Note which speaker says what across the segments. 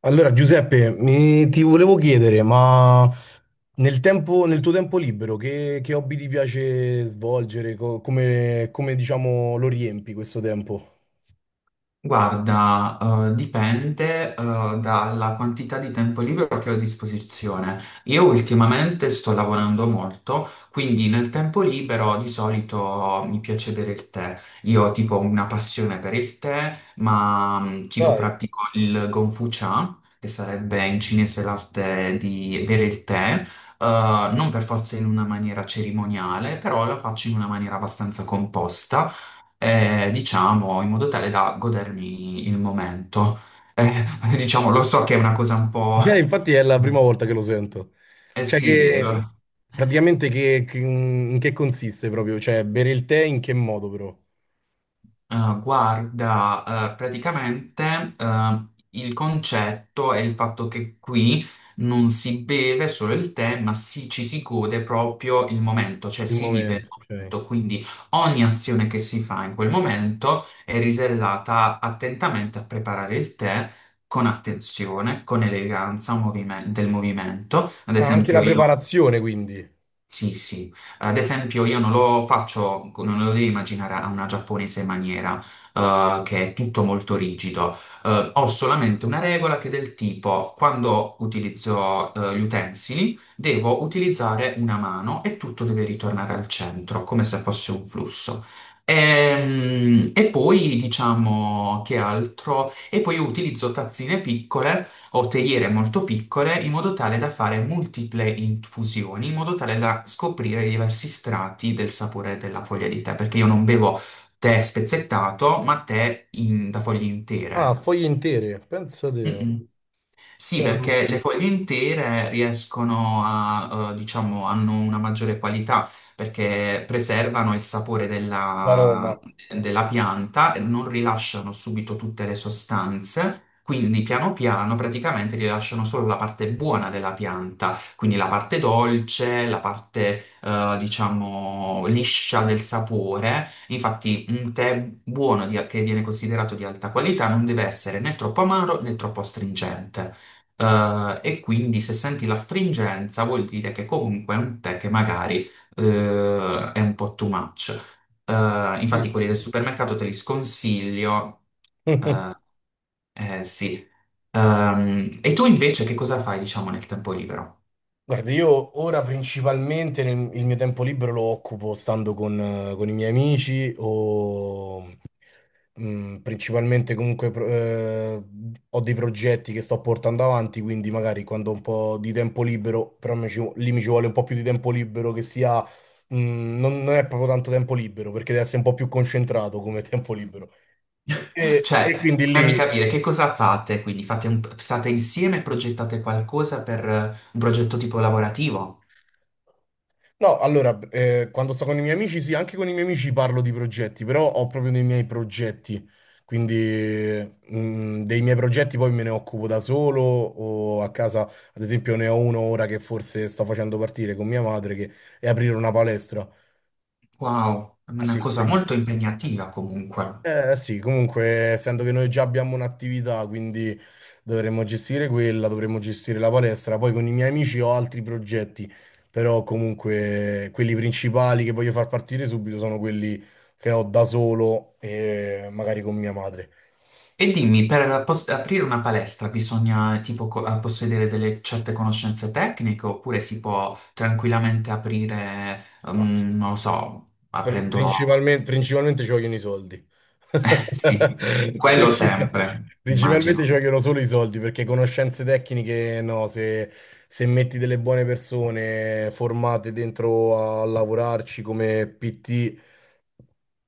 Speaker 1: Allora, Giuseppe, ti volevo chiedere, ma nel tuo tempo libero, che hobby ti piace svolgere? Come, diciamo, lo riempi questo tempo?
Speaker 2: Guarda, dipende, dalla quantità di tempo libero che ho a disposizione. Io ultimamente sto lavorando molto, quindi nel tempo libero di solito mi piace bere il tè. Io ho tipo una passione per il tè, ma tipo
Speaker 1: Dai.
Speaker 2: pratico il Gongfu Cha, che sarebbe in cinese l'arte di bere il tè, non per forza in una maniera cerimoniale, però la faccio in una maniera abbastanza composta diciamo, in modo tale da godermi il momento. Eh, diciamo, lo so che è una cosa un po'...
Speaker 1: Infatti è la prima volta che lo sento.
Speaker 2: Eh
Speaker 1: Cioè
Speaker 2: sì,
Speaker 1: che, praticamente che- In che consiste proprio? Cioè, bere il tè in che modo però?
Speaker 2: Guarda, praticamente il concetto è il fatto che qui non si beve solo il tè, ci si gode proprio il momento, cioè
Speaker 1: Il
Speaker 2: si vive il
Speaker 1: momento, ok.
Speaker 2: momento, quindi ogni azione che si fa in quel momento è risellata attentamente a preparare il tè con attenzione, con del movimento. Ad
Speaker 1: Ah, anche la
Speaker 2: esempio, io
Speaker 1: preparazione, quindi.
Speaker 2: sì, sì. Ad esempio, io non lo faccio, non lo devi immaginare a una giapponese maniera, che è tutto molto rigido. Ho solamente una regola che è del tipo, quando utilizzo, gli utensili, devo utilizzare una mano e tutto deve ritornare al centro, come se fosse un flusso. E poi diciamo che altro? E poi io utilizzo tazzine piccole o teiere molto piccole in modo tale da fare multiple infusioni, in modo tale da scoprire i diversi strati del sapore della foglia di tè, perché io non bevo tè spezzettato, ma da foglie
Speaker 1: Ah,
Speaker 2: intere.
Speaker 1: foglie intere, pensa te.
Speaker 2: Mm-mm. Sì,
Speaker 1: Cioè, la
Speaker 2: perché le foglie intere riescono a, diciamo, hanno una maggiore qualità perché preservano il sapore
Speaker 1: Roma.
Speaker 2: della pianta e non rilasciano subito tutte le sostanze. Quindi piano piano praticamente rilasciano solo la parte buona della pianta, quindi la parte dolce, la parte, diciamo, liscia del sapore. Infatti, un tè che viene considerato di alta qualità non deve essere né troppo amaro né troppo astringente. E quindi se senti la stringenza vuol dire che comunque è un tè che magari è un po' too much. Infatti quelli del
Speaker 1: Fighissimo.
Speaker 2: supermercato te li sconsiglio. Eh, sì. E tu invece che cosa fai, diciamo, nel tempo libero?
Speaker 1: Guarda, io ora principalmente il mio tempo libero lo occupo stando con i miei amici o principalmente comunque ho dei progetti che sto portando avanti, quindi magari quando ho un po' di tempo libero, però lì mi ci vuole un po' più di tempo libero che sia, non è proprio tanto tempo libero perché deve essere un po' più concentrato come tempo libero. E,
Speaker 2: Cioè,
Speaker 1: e quindi
Speaker 2: fammi
Speaker 1: lì.
Speaker 2: capire che cosa fate, quindi state insieme e progettate qualcosa per un progetto tipo lavorativo?
Speaker 1: No, allora, quando sto con i miei amici, sì, anche con i miei amici parlo di progetti, però ho proprio dei miei progetti, quindi dei miei progetti poi me ne occupo da solo o a casa, ad esempio, ne ho uno ora che forse sto facendo partire con mia madre, che è aprire una palestra.
Speaker 2: Wow, è una
Speaker 1: Sì,
Speaker 2: cosa
Speaker 1: quindi
Speaker 2: molto impegnativa comunque.
Speaker 1: eh sì, comunque, essendo che noi già abbiamo un'attività, quindi dovremmo gestire quella, dovremmo gestire la palestra. Poi con i miei amici ho altri progetti, però comunque quelli principali che voglio far partire subito sono quelli che ho da solo e magari con mia madre.
Speaker 2: E dimmi, aprire una palestra bisogna possedere delle certe conoscenze tecniche oppure si può tranquillamente aprire, mm, non lo so,
Speaker 1: Pri-
Speaker 2: aprendolo...
Speaker 1: Principalmente, principalmente ci vogliono i soldi.
Speaker 2: Sì, quello
Speaker 1: Princip-
Speaker 2: sempre,
Speaker 1: Principalmente ci
Speaker 2: immagino.
Speaker 1: vogliono solo i soldi perché conoscenze tecniche, no, se, se metti delle buone persone formate dentro a lavorarci come PT,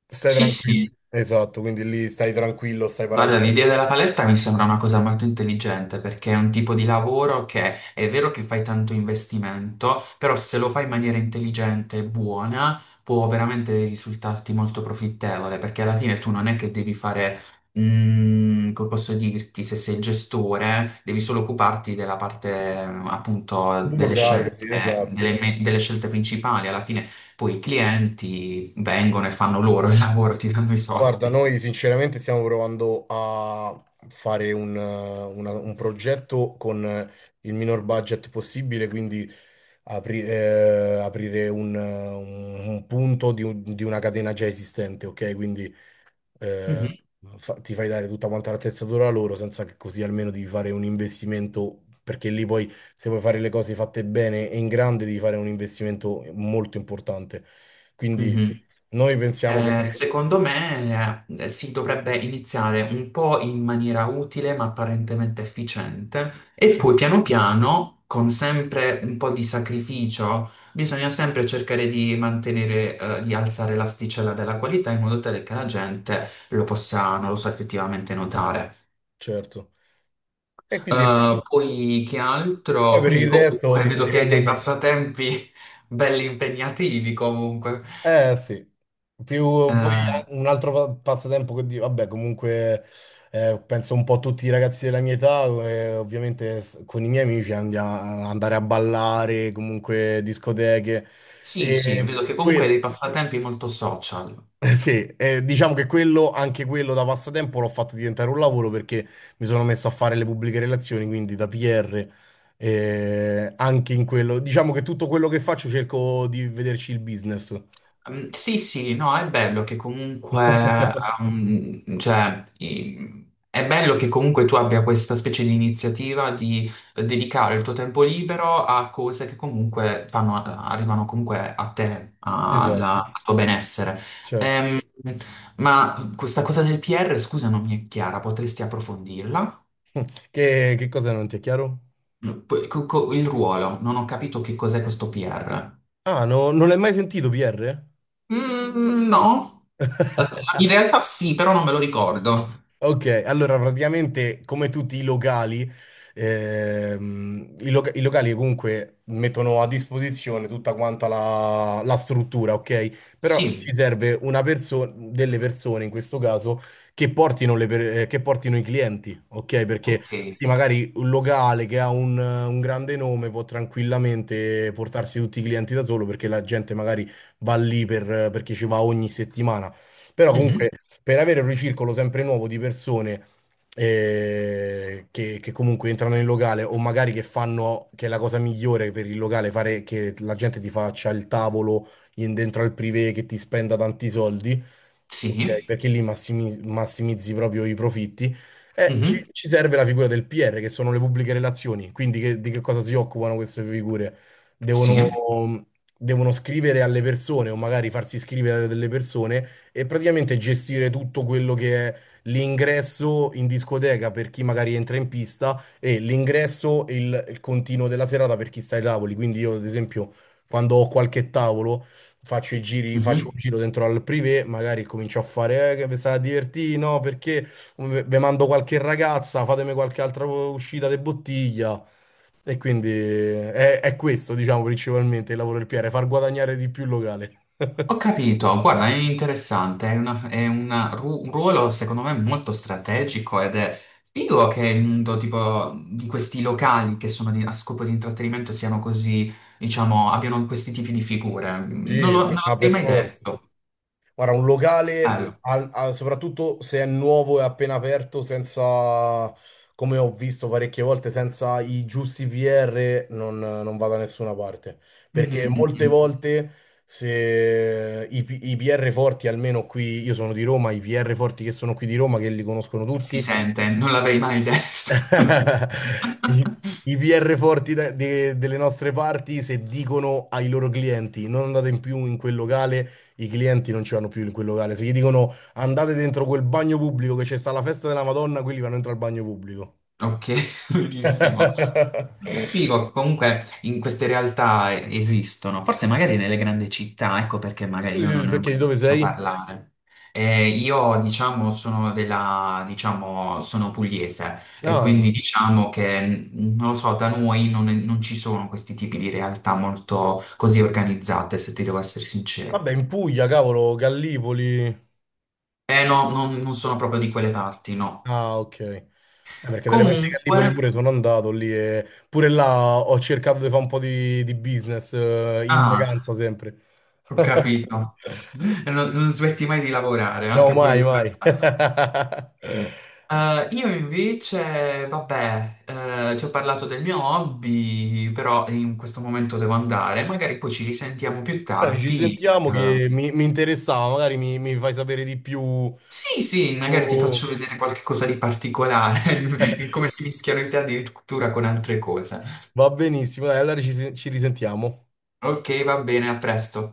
Speaker 1: stai
Speaker 2: Sì,
Speaker 1: tranquillo.
Speaker 2: sì.
Speaker 1: Esatto, quindi lì stai tranquillo, stai parato
Speaker 2: Guarda, l'idea della palestra mi sembra una cosa molto intelligente perché è un tipo di lavoro che è vero che fai tanto investimento, però se lo fai in maniera intelligente e buona può veramente risultarti molto profittevole perché alla fine tu non è che devi fare, mm, come posso dirti, se sei il gestore, devi solo occuparti della parte eh, appunto
Speaker 1: sul muro,
Speaker 2: delle
Speaker 1: grazie,
Speaker 2: scelte,
Speaker 1: sì, esatto.
Speaker 2: delle scelte principali. Alla fine poi i clienti vengono e fanno loro il lavoro, ti danno i
Speaker 1: Guarda,
Speaker 2: soldi.
Speaker 1: noi sinceramente stiamo provando a fare un progetto con il minor budget possibile, quindi aprire un punto di, di una catena già esistente, ok? Quindi
Speaker 2: Mhm,
Speaker 1: eh, ti fai dare tutta quanta l'attrezzatura loro senza che così almeno devi fare un investimento, perché lì poi se vuoi fare le cose fatte bene e in grande devi fare un investimento molto importante. Quindi
Speaker 2: mhm.
Speaker 1: noi pensiamo
Speaker 2: Secondo me, si dovrebbe iniziare un po' in maniera utile ma apparentemente efficiente e
Speaker 1: sì.
Speaker 2: poi piano piano, con sempre un po' di sacrificio, bisogna sempre cercare di mantenere, di alzare l'asticella della qualità in modo tale che la gente lo possa, non lo so, effettivamente notare.
Speaker 1: Certo. E quindi è questo.
Speaker 2: Poi che
Speaker 1: Poi
Speaker 2: altro?
Speaker 1: per
Speaker 2: Quindi
Speaker 1: il resto
Speaker 2: comunque
Speaker 1: ti sto
Speaker 2: vedo che hai
Speaker 1: dicendo a
Speaker 2: dei
Speaker 1: me.
Speaker 2: passatempi belli impegnativi comunque.
Speaker 1: Eh sì, più poi
Speaker 2: Eh,
Speaker 1: un altro passatempo vabbè, comunque penso un po' a tutti i ragazzi della mia età, ovviamente con i miei amici andiamo a andare a ballare, comunque discoteche.
Speaker 2: Sì, sì,
Speaker 1: E,
Speaker 2: vedo che comunque hai dei passatempi molto social.
Speaker 1: eh, sì, diciamo che quello, anche quello da passatempo l'ho fatto diventare un lavoro perché mi sono messo a fare le pubbliche relazioni, quindi da PR, anche in quello. Diciamo che tutto quello che faccio cerco di vederci il business.
Speaker 2: Mm, sì, sì, no, è bello che comunque, è bello che comunque tu abbia questa specie di iniziativa di dedicare il tuo tempo libero a cose che comunque fanno, arrivano comunque a te,
Speaker 1: Esatto.
Speaker 2: al tuo benessere.
Speaker 1: Certo.
Speaker 2: Ehm, ma questa cosa del PR, scusa, non mi è chiara, potresti approfondirla?
Speaker 1: Che cosa non ti è chiaro?
Speaker 2: Mm, poi, il ruolo, non ho capito che cos'è questo PR.
Speaker 1: Ah, non l'hai mai sentito PR?
Speaker 2: Mm, no, aspetta, in realtà sì, però non me lo ricordo.
Speaker 1: Ok, allora praticamente come tutti i locali, i locali comunque mettono a disposizione tutta quanta la struttura, ok? Però
Speaker 2: Sì,
Speaker 1: ci serve una persona, delle persone in questo caso, che portino, che portino i clienti, ok? Perché
Speaker 2: ok.
Speaker 1: sì, magari un locale che ha un grande nome può tranquillamente portarsi tutti i clienti da solo perché la gente magari va lì perché ci va ogni settimana. Però
Speaker 2: Mhm,
Speaker 1: comunque per avere un ricircolo sempre nuovo di persone che comunque entrano nel locale o magari che fanno, che è la cosa migliore per il locale, fare che la gente ti faccia il tavolo dentro al privé che ti spenda tanti soldi. Ok,
Speaker 2: sì,
Speaker 1: perché lì massimizzi proprio i profitti. E ci,
Speaker 2: mhm,
Speaker 1: ci serve la figura del PR, che sono le pubbliche relazioni. Quindi di che cosa si occupano queste figure?
Speaker 2: sì.
Speaker 1: Devono, devono scrivere alle persone o magari farsi scrivere a delle persone e praticamente gestire tutto quello che è l'ingresso in discoteca per chi magari entra in pista e l'ingresso e il continuo della serata per chi sta ai tavoli. Quindi io, ad esempio, quando ho qualche tavolo faccio i giri, faccio
Speaker 2: Mhm.
Speaker 1: un giro dentro al privé, magari comincio a fare, che vi state divertendo, no, perché vi mando qualche ragazza, fatemi qualche altra uscita di bottiglia. E quindi è questo, diciamo, principalmente il lavoro del PR, far guadagnare di più il locale.
Speaker 2: Ho capito, guarda, è interessante, è, è un ruolo secondo me molto strategico ed è figo che il mondo tipo di questi locali che sono a scopo di intrattenimento siano così, diciamo, abbiano questi tipi di figure.
Speaker 1: Sì,
Speaker 2: Non
Speaker 1: ma
Speaker 2: l'avrei
Speaker 1: per
Speaker 2: mai
Speaker 1: forza.
Speaker 2: detto.
Speaker 1: Guarda, un locale,
Speaker 2: Bello.
Speaker 1: soprattutto se è nuovo e appena aperto, senza, come ho visto parecchie volte, senza i giusti PR, non va da nessuna parte. Perché
Speaker 2: Mhm,
Speaker 1: molte
Speaker 2: mhm.
Speaker 1: volte, se i PR forti, almeno qui, io sono di Roma, i PR forti che sono qui di Roma, che li conoscono
Speaker 2: Si
Speaker 1: tutti,
Speaker 2: sente, non l'avrei mai detto.
Speaker 1: I, i PR forti delle nostre parti, se dicono ai loro clienti non andate in più in quel locale, i clienti non ci vanno più in quel locale. Se gli dicono andate dentro quel bagno pubblico che c'è sta la festa della Madonna, quelli vanno dentro al bagno pubblico.
Speaker 2: Ok, benissimo. Figo, che comunque in queste realtà esistono, forse magari nelle grandi città, ecco perché magari
Speaker 1: Tu
Speaker 2: io non ne ho
Speaker 1: perché
Speaker 2: mai
Speaker 1: di dove
Speaker 2: sentito
Speaker 1: sei?
Speaker 2: parlare. Io, diciamo, sono diciamo, sono pugliese e quindi
Speaker 1: No.
Speaker 2: diciamo che, mm, non lo so, da noi non ci sono questi tipi di realtà molto così organizzate, se ti devo essere sincero.
Speaker 1: Vabbè, in Puglia, cavolo, Gallipoli.
Speaker 2: Eh no, non sono proprio di quelle parti, no.
Speaker 1: Ah, ok. Perché delle parti che a
Speaker 2: Comunque,
Speaker 1: Lipoli pure sono andato lì e pure là ho cercato di fare un po' di business in
Speaker 2: ah,
Speaker 1: vacanza sempre.
Speaker 2: ho capito. Non smetti mai di lavorare,
Speaker 1: No,
Speaker 2: anche pure
Speaker 1: mai,
Speaker 2: in
Speaker 1: mai.
Speaker 2: vacanza.
Speaker 1: Bene,
Speaker 2: Io invece, vabbè, ti ho parlato del mio hobby, però in questo momento devo andare. Magari poi ci risentiamo più
Speaker 1: ci
Speaker 2: tardi.
Speaker 1: sentiamo che mi interessava, magari mi fai sapere di più.
Speaker 2: Sì, sì, magari ti
Speaker 1: Tu-
Speaker 2: faccio vedere qualche cosa di particolare, come si mischiano in te addirittura con altre cose.
Speaker 1: va benissimo, dai, allora ci risentiamo.
Speaker 2: Ok, va bene, a presto.